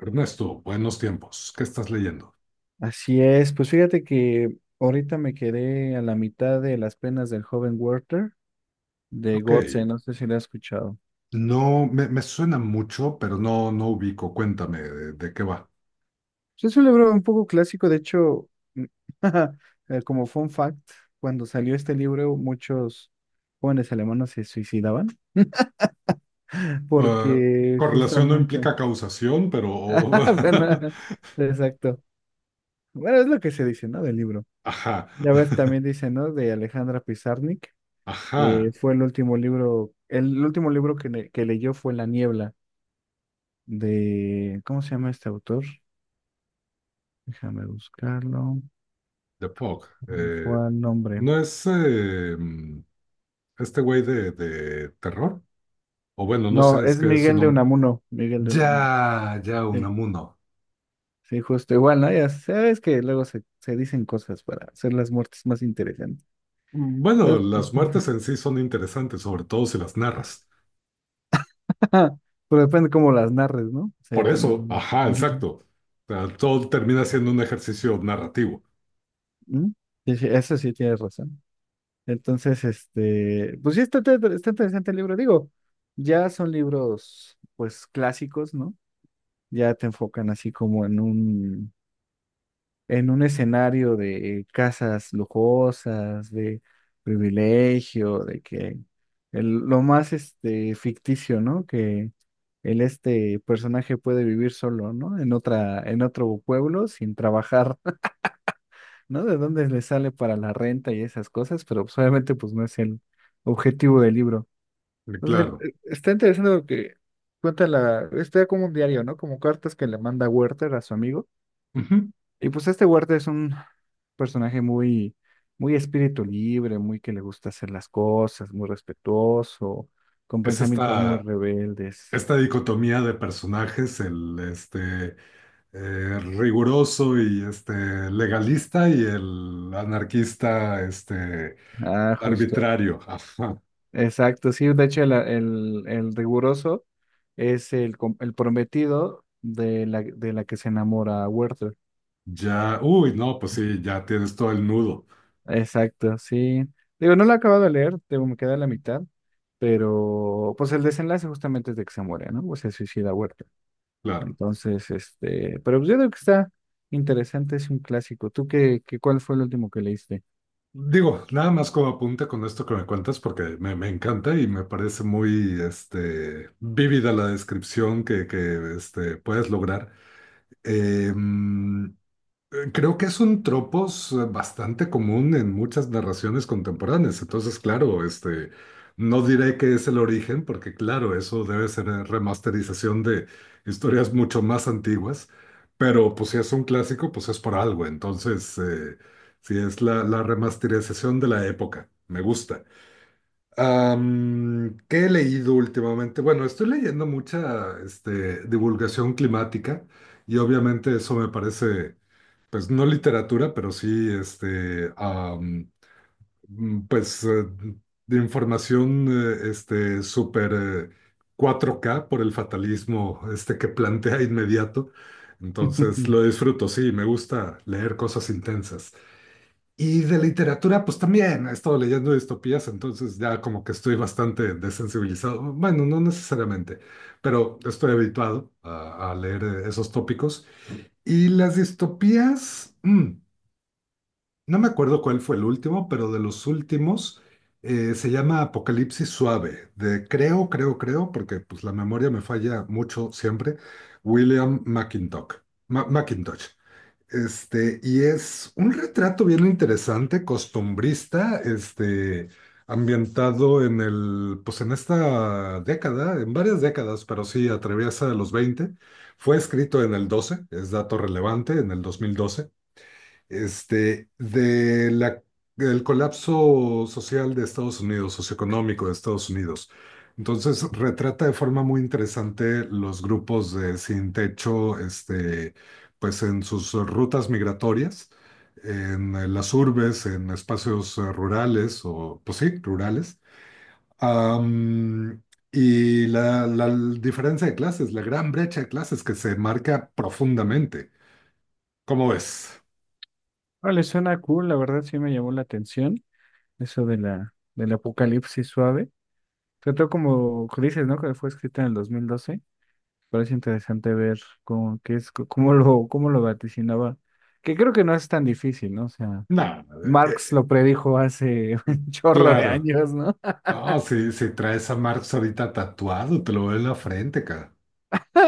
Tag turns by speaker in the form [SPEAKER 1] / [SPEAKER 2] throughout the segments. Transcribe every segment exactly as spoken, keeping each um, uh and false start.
[SPEAKER 1] Ernesto, buenos tiempos. ¿Qué estás leyendo?
[SPEAKER 2] Así es, pues fíjate que ahorita me quedé a la mitad de Las penas del joven Werther de
[SPEAKER 1] Ok,
[SPEAKER 2] Goethe, no sé si lo has escuchado.
[SPEAKER 1] no me, me suena mucho, pero no, no ubico. Cuéntame de, de qué va.
[SPEAKER 2] Pues es un libro un poco clásico, de hecho, mm, eh, como fun fact, cuando salió este libro muchos jóvenes alemanes se suicidaban
[SPEAKER 1] Eh,
[SPEAKER 2] porque
[SPEAKER 1] correlación no
[SPEAKER 2] justamente,
[SPEAKER 1] implica causación, pero...
[SPEAKER 2] ah, bueno, exacto. Bueno, es lo que se dice, ¿no? Del libro.
[SPEAKER 1] Ajá,
[SPEAKER 2] Ya ves, también dice, ¿no? De Alejandra Pizarnik que
[SPEAKER 1] ajá,
[SPEAKER 2] fue el último libro, el último libro que, le- que leyó fue La Niebla, de, ¿cómo se llama este autor? Déjame buscarlo.
[SPEAKER 1] The Fog.
[SPEAKER 2] ¿Cuál
[SPEAKER 1] Eh,
[SPEAKER 2] fue el nombre?
[SPEAKER 1] ¿no es eh, mm, este güey de, de terror? O bueno, no
[SPEAKER 2] No,
[SPEAKER 1] sé, es
[SPEAKER 2] es
[SPEAKER 1] que es un...
[SPEAKER 2] Miguel de
[SPEAKER 1] nom-
[SPEAKER 2] Unamuno, Miguel de Unamuno.
[SPEAKER 1] Ya, ya,
[SPEAKER 2] Sí,
[SPEAKER 1] Unamuno.
[SPEAKER 2] sí, justo igual, ¿no? Ya sabes que luego se, se dicen cosas para hacer las muertes más interesantes.
[SPEAKER 1] Bueno,
[SPEAKER 2] Entonces,
[SPEAKER 1] las muertes en sí son interesantes, sobre todo si las narras.
[SPEAKER 2] pero depende cómo las narres, ¿no? O sea, yo
[SPEAKER 1] Por eso,
[SPEAKER 2] también.
[SPEAKER 1] ajá,
[SPEAKER 2] Ujú.
[SPEAKER 1] exacto. O sea, todo termina siendo un ejercicio narrativo,
[SPEAKER 2] ¿Mm? Sí, sí, eso sí tienes razón. Entonces, este, pues sí, está, está está interesante el libro. Digo, ya son libros, pues, clásicos, ¿no? Ya te enfocan así como en un, en un escenario de casas lujosas, de privilegio, de que el- lo más, este, ficticio, ¿no? Que el, este personaje puede vivir solo, ¿no? En otra, en otro pueblo sin trabajar, ¿no? De dónde le sale para la renta y esas cosas, pero pues, obviamente, pues, no es el objetivo del libro.
[SPEAKER 1] eh,
[SPEAKER 2] Entonces,
[SPEAKER 1] claro.
[SPEAKER 2] el- está interesante lo que cuenta la, está como un diario, ¿no? Como cartas que le manda Werther a su amigo.
[SPEAKER 1] Ujú.
[SPEAKER 2] Y pues este Werther es un personaje muy, muy espíritu libre, muy que le gusta hacer las cosas, muy respetuoso, con
[SPEAKER 1] Es
[SPEAKER 2] pensamientos muy
[SPEAKER 1] esta,
[SPEAKER 2] rebeldes.
[SPEAKER 1] esta dicotomía de personajes, el este, eh, riguroso y este, legalista y el anarquista este,
[SPEAKER 2] Ah, justo.
[SPEAKER 1] arbitrario. Ajá.
[SPEAKER 2] Exacto, sí, de hecho el, el, el riguroso es el, com- el prometido de la, de la que se enamora Werther.
[SPEAKER 1] Ya, uy, no, pues sí, ya tienes todo el nudo,
[SPEAKER 2] Exacto, sí. Digo, no lo he acabado de leer, tengo, me queda la mitad, pero pues el desenlace justamente es de que se muere, ¿no? O se suicida Huerta.
[SPEAKER 1] claro.
[SPEAKER 2] Entonces, este, pero pues yo creo que está interesante, es un clásico. ¿Tú qué, qué cuál fue el último que leíste?
[SPEAKER 1] Digo, nada más como apunta con esto que me cuentas, porque me, me encanta y me parece muy este, vívida la descripción que, que este, puedes lograr. Em, Creo que es un tropos eh, bastante común en muchas narraciones contemporáneas. Entonces, claro, este, no diré que es el origen, porque claro, eso debe ser eh, remasterización de historias mucho más antiguas. Pero pues si es un clásico, pues es por algo. Entonces, eh, si es la, la remasterización de la época, me gusta. Am, ¿qué he leído últimamente? Bueno, estoy leyendo mucha este, divulgación climática y obviamente eso me parece pues no literatura, pero sí, este, am, mm, pues eh, de información, eh, este, súper eh, cuatro K por el fatalismo, este, que plantea inmediato. Entonces lo disfruto, sí, me gusta leer cosas intensas. Y de literatura, pues también he estado leyendo distopías, entonces ya como que estoy bastante desensibilizado. Bueno, no necesariamente, pero estoy habituado a, a leer eh, esos tópicos. Y las distopías... mm, no me acuerdo cuál fue el último, pero de los últimos eh, se llama Apocalipsis Suave, de creo, creo, creo, porque pues la memoria me falla mucho siempre, William McIntosh. Ma- McIntosh. Este, y es un retrato bien interesante, costumbrista, este, ambientado en el, pues en esta década, en varias décadas, pero sí atraviesa los veinte. Fue escrito en el doce, es dato relevante, en el dos mil doce. Este, de la, del colapso social de Estados Unidos, socioeconómico de Estados Unidos. Entonces, retrata de forma muy interesante los grupos de sin techo, este, pues en sus rutas migratorias, en eh, las urbes, en espacios eh, rurales, o pues sí, rurales. Am, y la, la diferencia de clases, la gran brecha de clases que se marca profundamente. ¿Cómo ves?
[SPEAKER 2] Vale, suena cool, la verdad sí me llamó la atención eso de la del apocalipsis suave. Trató como que dices, ¿no? Que fue escrita en el dos mil doce. Parece interesante ver cómo, qué es, cómo lo, cómo lo vaticinaba. Que creo que no es tan difícil, ¿no? O sea,
[SPEAKER 1] Nada.
[SPEAKER 2] Marx lo predijo hace un chorro de
[SPEAKER 1] Claro.
[SPEAKER 2] años, ¿no?
[SPEAKER 1] No, sí, si traes a Marx ahorita tatuado, te lo veo en la frente, cara.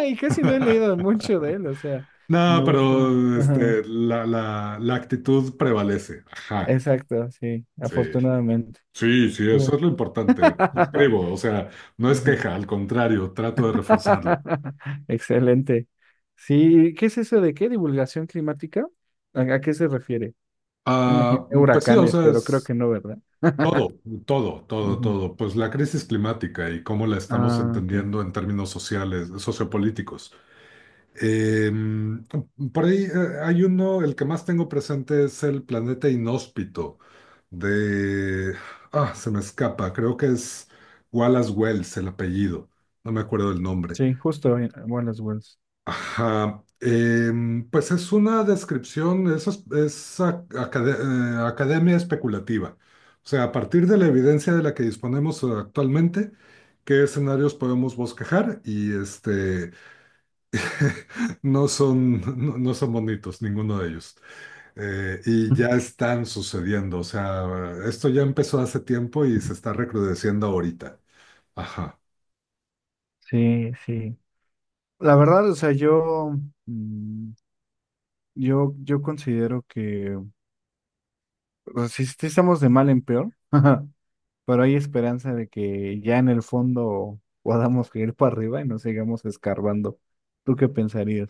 [SPEAKER 2] Y casi no he leído mucho de él, o sea,
[SPEAKER 1] No,
[SPEAKER 2] me gusta.
[SPEAKER 1] pero
[SPEAKER 2] Ajá,
[SPEAKER 1] este, la, la, la actitud prevalece. Ajá.
[SPEAKER 2] exacto, sí,
[SPEAKER 1] Sí.
[SPEAKER 2] afortunadamente.
[SPEAKER 1] Sí, sí,
[SPEAKER 2] Sí.
[SPEAKER 1] eso es lo importante.
[SPEAKER 2] Ajá.
[SPEAKER 1] Suscribo, o sea, no es queja, al contrario, trato de reforzarlo.
[SPEAKER 2] Excelente. Sí, ¿qué es eso de qué? ¿Divulgación climática? ¿A, a qué se refiere? Yo imagino
[SPEAKER 1] Ah, pues sí, o
[SPEAKER 2] huracanes,
[SPEAKER 1] sea,
[SPEAKER 2] pero creo
[SPEAKER 1] es
[SPEAKER 2] que no, ¿verdad?
[SPEAKER 1] todo, todo, todo,
[SPEAKER 2] Ujú.
[SPEAKER 1] todo. Pues la crisis climática y cómo la estamos
[SPEAKER 2] Ah, ok.
[SPEAKER 1] entendiendo en términos sociales, sociopolíticos. Eh, por ahí eh, hay uno, el que más tengo presente es el planeta inhóspito de... Ah, se me escapa, creo que es Wallace Wells el apellido, no me acuerdo el nombre.
[SPEAKER 2] Sí, justo en Wallace Wells.
[SPEAKER 1] Ajá, em, pues es una descripción, eso es, es a- acade- eh, academia especulativa. O sea, a partir de la evidencia de la que disponemos eh, actualmente, qué escenarios podemos bosquejar y este... No son, no, no son bonitos, ninguno de ellos. Eh, y ya están sucediendo. O sea, esto ya empezó hace tiempo y se está recrudeciendo ahorita. Ajá.
[SPEAKER 2] Sí, sí. La verdad, o sea, yo mm, Yo, yo considero que o sea, sí, sí estamos de mal en peor, pero hay esperanza de que ya en el fondo podamos ir para arriba y no sigamos escarbando. ¿Tú qué pensarías?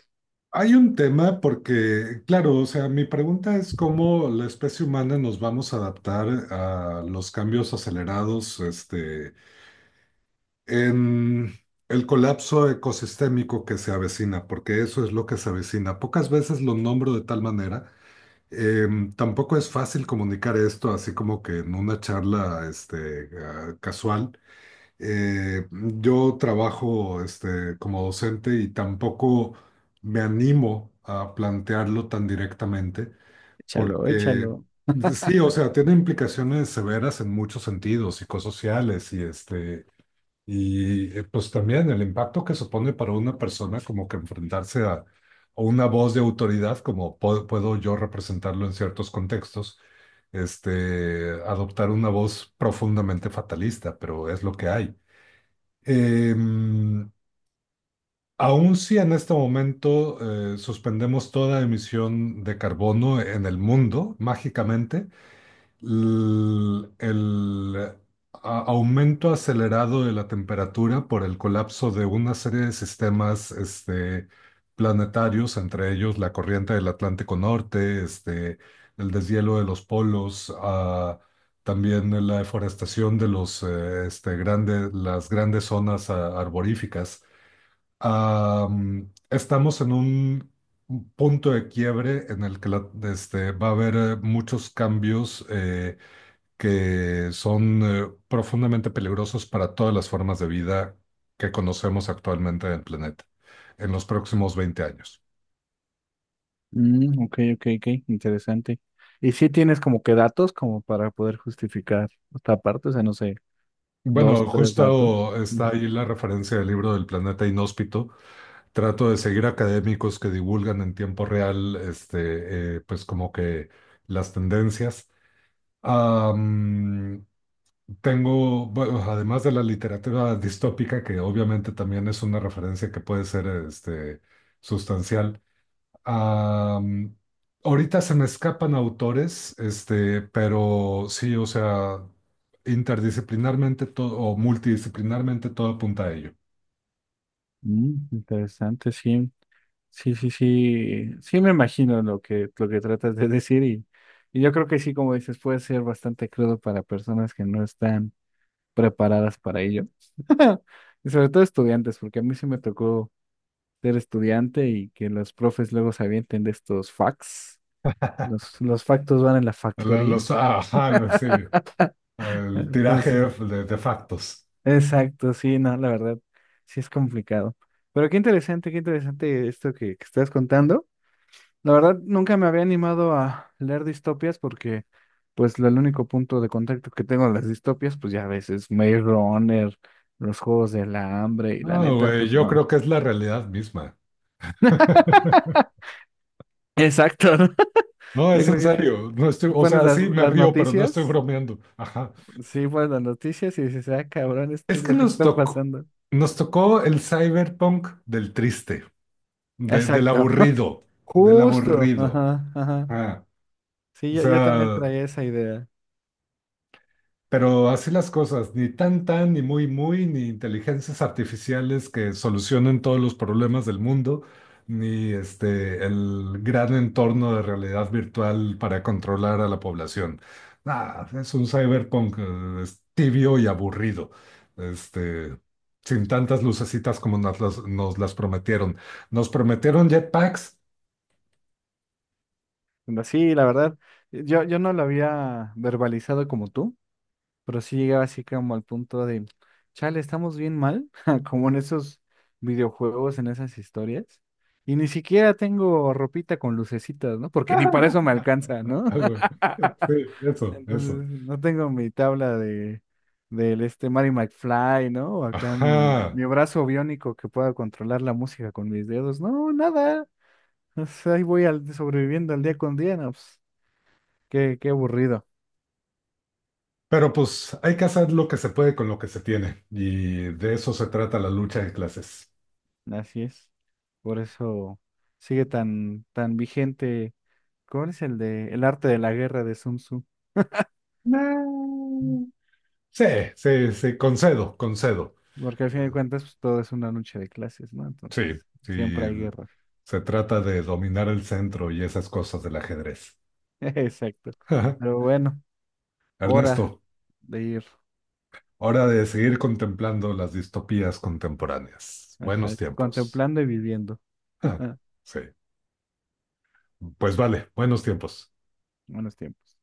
[SPEAKER 1] Hay un tema porque, claro, o sea, mi pregunta es cómo la especie humana nos vamos a adaptar a los cambios acelerados, este, en el colapso ecosistémico que se avecina, porque eso es lo que se avecina. Pocas veces lo nombro de tal manera. Em, tampoco es fácil comunicar esto así como que en una charla este, ah, casual. Eh, yo trabajo este, como docente y tampoco me animo a plantearlo tan directamente
[SPEAKER 2] Échalo,
[SPEAKER 1] porque
[SPEAKER 2] échalo.
[SPEAKER 1] sí, o sea, tiene implicaciones severas en muchos sentidos, psicosociales y, este, y eh, pues también el impacto que supone para una persona como que enfrentarse a, a una voz de autoridad, como po- puedo yo representarlo en ciertos contextos, este, adoptar una voz profundamente fatalista, pero es lo que hay. Em, aun si en este momento eh, suspendemos toda emisión de carbono en el mundo, mágicamente, l- el a- aumento acelerado de la temperatura por el colapso de una serie de sistemas este, planetarios, entre ellos la corriente del Atlántico Norte, este, el deshielo de los polos, ah, también la deforestación de los, eh, este, grande- las grandes zonas ah, arboríficas. Am, estamos en un punto de quiebre en el que la- este, va a haber eh, muchos cambios eh, que son eh, profundamente peligrosos para todas las formas de vida que conocemos actualmente en el planeta en los próximos veinte años.
[SPEAKER 2] Mm, ok, ok, ok, interesante. ¿Y si tienes como que datos como para poder justificar esta parte? O sea, no sé, dos,
[SPEAKER 1] Bueno,
[SPEAKER 2] tres datos.
[SPEAKER 1] justo está
[SPEAKER 2] Ujú.
[SPEAKER 1] ahí la referencia del libro del planeta inhóspito. Trato de seguir académicos que divulgan en tiempo real, este, eh, pues como que las tendencias. Am, tengo, bueno, además de la literatura distópica, que obviamente también es una referencia que puede ser, este, sustancial. Am, ahorita se me escapan autores, este, pero sí, o sea, interdisciplinarmente todo o multidisciplinarmente todo apunta a ello.
[SPEAKER 2] Mm, interesante, sí. Sí, sí, sí, sí me imagino lo que, lo que tratas de decir y, y yo creo que sí, como dices, puede ser bastante crudo para personas que no están preparadas para ello. Y sobre todo estudiantes, porque a mí sí me tocó ser estudiante y que los profes luego se avienten de estos facts. Los, los factos van en la
[SPEAKER 1] La-
[SPEAKER 2] factoría.
[SPEAKER 1] Los, ajá, la- sí, el tiraje
[SPEAKER 2] Entonces,
[SPEAKER 1] de, de factos.
[SPEAKER 2] exacto, sí, no, la verdad, sí es complicado. Pero qué interesante, qué interesante esto que, que estás contando. La verdad, nunca me había animado a leer distopias porque, pues, el único punto de contacto que tengo de las distopias, pues ya a veces Maze Runner, los juegos del hambre y la
[SPEAKER 1] No,
[SPEAKER 2] neta,
[SPEAKER 1] güey,
[SPEAKER 2] pues
[SPEAKER 1] yo
[SPEAKER 2] no.
[SPEAKER 1] creo que es la realidad misma.
[SPEAKER 2] Exacto, ¿no?
[SPEAKER 1] No,
[SPEAKER 2] Yo
[SPEAKER 1] es en
[SPEAKER 2] creo que
[SPEAKER 1] serio. No estoy,
[SPEAKER 2] tú
[SPEAKER 1] o
[SPEAKER 2] pones
[SPEAKER 1] sea,
[SPEAKER 2] las,
[SPEAKER 1] sí, me
[SPEAKER 2] las
[SPEAKER 1] río, pero no estoy
[SPEAKER 2] noticias,
[SPEAKER 1] bromeando. Ajá.
[SPEAKER 2] sí, pones las noticias y dices, ah, cabrón, esto
[SPEAKER 1] Es
[SPEAKER 2] es
[SPEAKER 1] que
[SPEAKER 2] lo que
[SPEAKER 1] nos
[SPEAKER 2] está
[SPEAKER 1] tocó,
[SPEAKER 2] pasando.
[SPEAKER 1] nos tocó el cyberpunk del triste, de- del
[SPEAKER 2] Exacto.
[SPEAKER 1] aburrido, del
[SPEAKER 2] Justo,
[SPEAKER 1] aburrido.
[SPEAKER 2] ajá, ajá.
[SPEAKER 1] Ah,
[SPEAKER 2] Sí,
[SPEAKER 1] o
[SPEAKER 2] yo, yo también
[SPEAKER 1] sea,
[SPEAKER 2] traía esa idea.
[SPEAKER 1] pero así las cosas, ni tan tan, ni muy muy, ni inteligencias artificiales que solucionen todos los problemas del mundo, ni este el gran entorno de realidad virtual para controlar a la población. Ah, es un cyberpunk eh, es tibio y aburrido, este, sin tantas lucecitas como nos las, nos las prometieron. Nos prometieron jetpacks.
[SPEAKER 2] Pero sí, la verdad, yo, yo no lo había verbalizado como tú, pero sí llegaba así como al punto de, chale, estamos bien mal, como en esos videojuegos, en esas historias. Y ni siquiera tengo ropita con lucecitas, ¿no? Porque ni para eso me alcanza, ¿no?
[SPEAKER 1] Sí, eso, eso.
[SPEAKER 2] Entonces, no tengo mi tabla de del este Mary McFly, ¿no? O acá mi,
[SPEAKER 1] Ajá.
[SPEAKER 2] mi brazo biónico que pueda controlar la música con mis dedos. No, nada. O sea, ahí voy al, sobreviviendo al día con día, no, pues, qué, qué aburrido.
[SPEAKER 1] Pero pues hay que hacer lo que se puede con lo que se tiene. Y de eso se trata la lucha de clases.
[SPEAKER 2] Así es. Por eso sigue tan, tan vigente. ¿Cómo es el de el arte de la guerra de Sun Tzu? Mm.
[SPEAKER 1] Mm. Sí, sí, sí, concedo, concedo.
[SPEAKER 2] Porque al fin de cuentas pues, todo es una lucha de clases, ¿no? Entonces,
[SPEAKER 1] Sí,
[SPEAKER 2] siempre hay
[SPEAKER 1] sí.
[SPEAKER 2] guerra.
[SPEAKER 1] Se trata de dominar el centro y esas cosas del ajedrez.
[SPEAKER 2] Exacto. Pero bueno, hora
[SPEAKER 1] Ernesto,
[SPEAKER 2] de ir.
[SPEAKER 1] hora de seguir contemplando las distopías contemporáneas. Buenos
[SPEAKER 2] Exacto.
[SPEAKER 1] tiempos.
[SPEAKER 2] Contemplando y viviendo.
[SPEAKER 1] Ah, Sí, pues vale, buenos tiempos.
[SPEAKER 2] Buenos tiempos.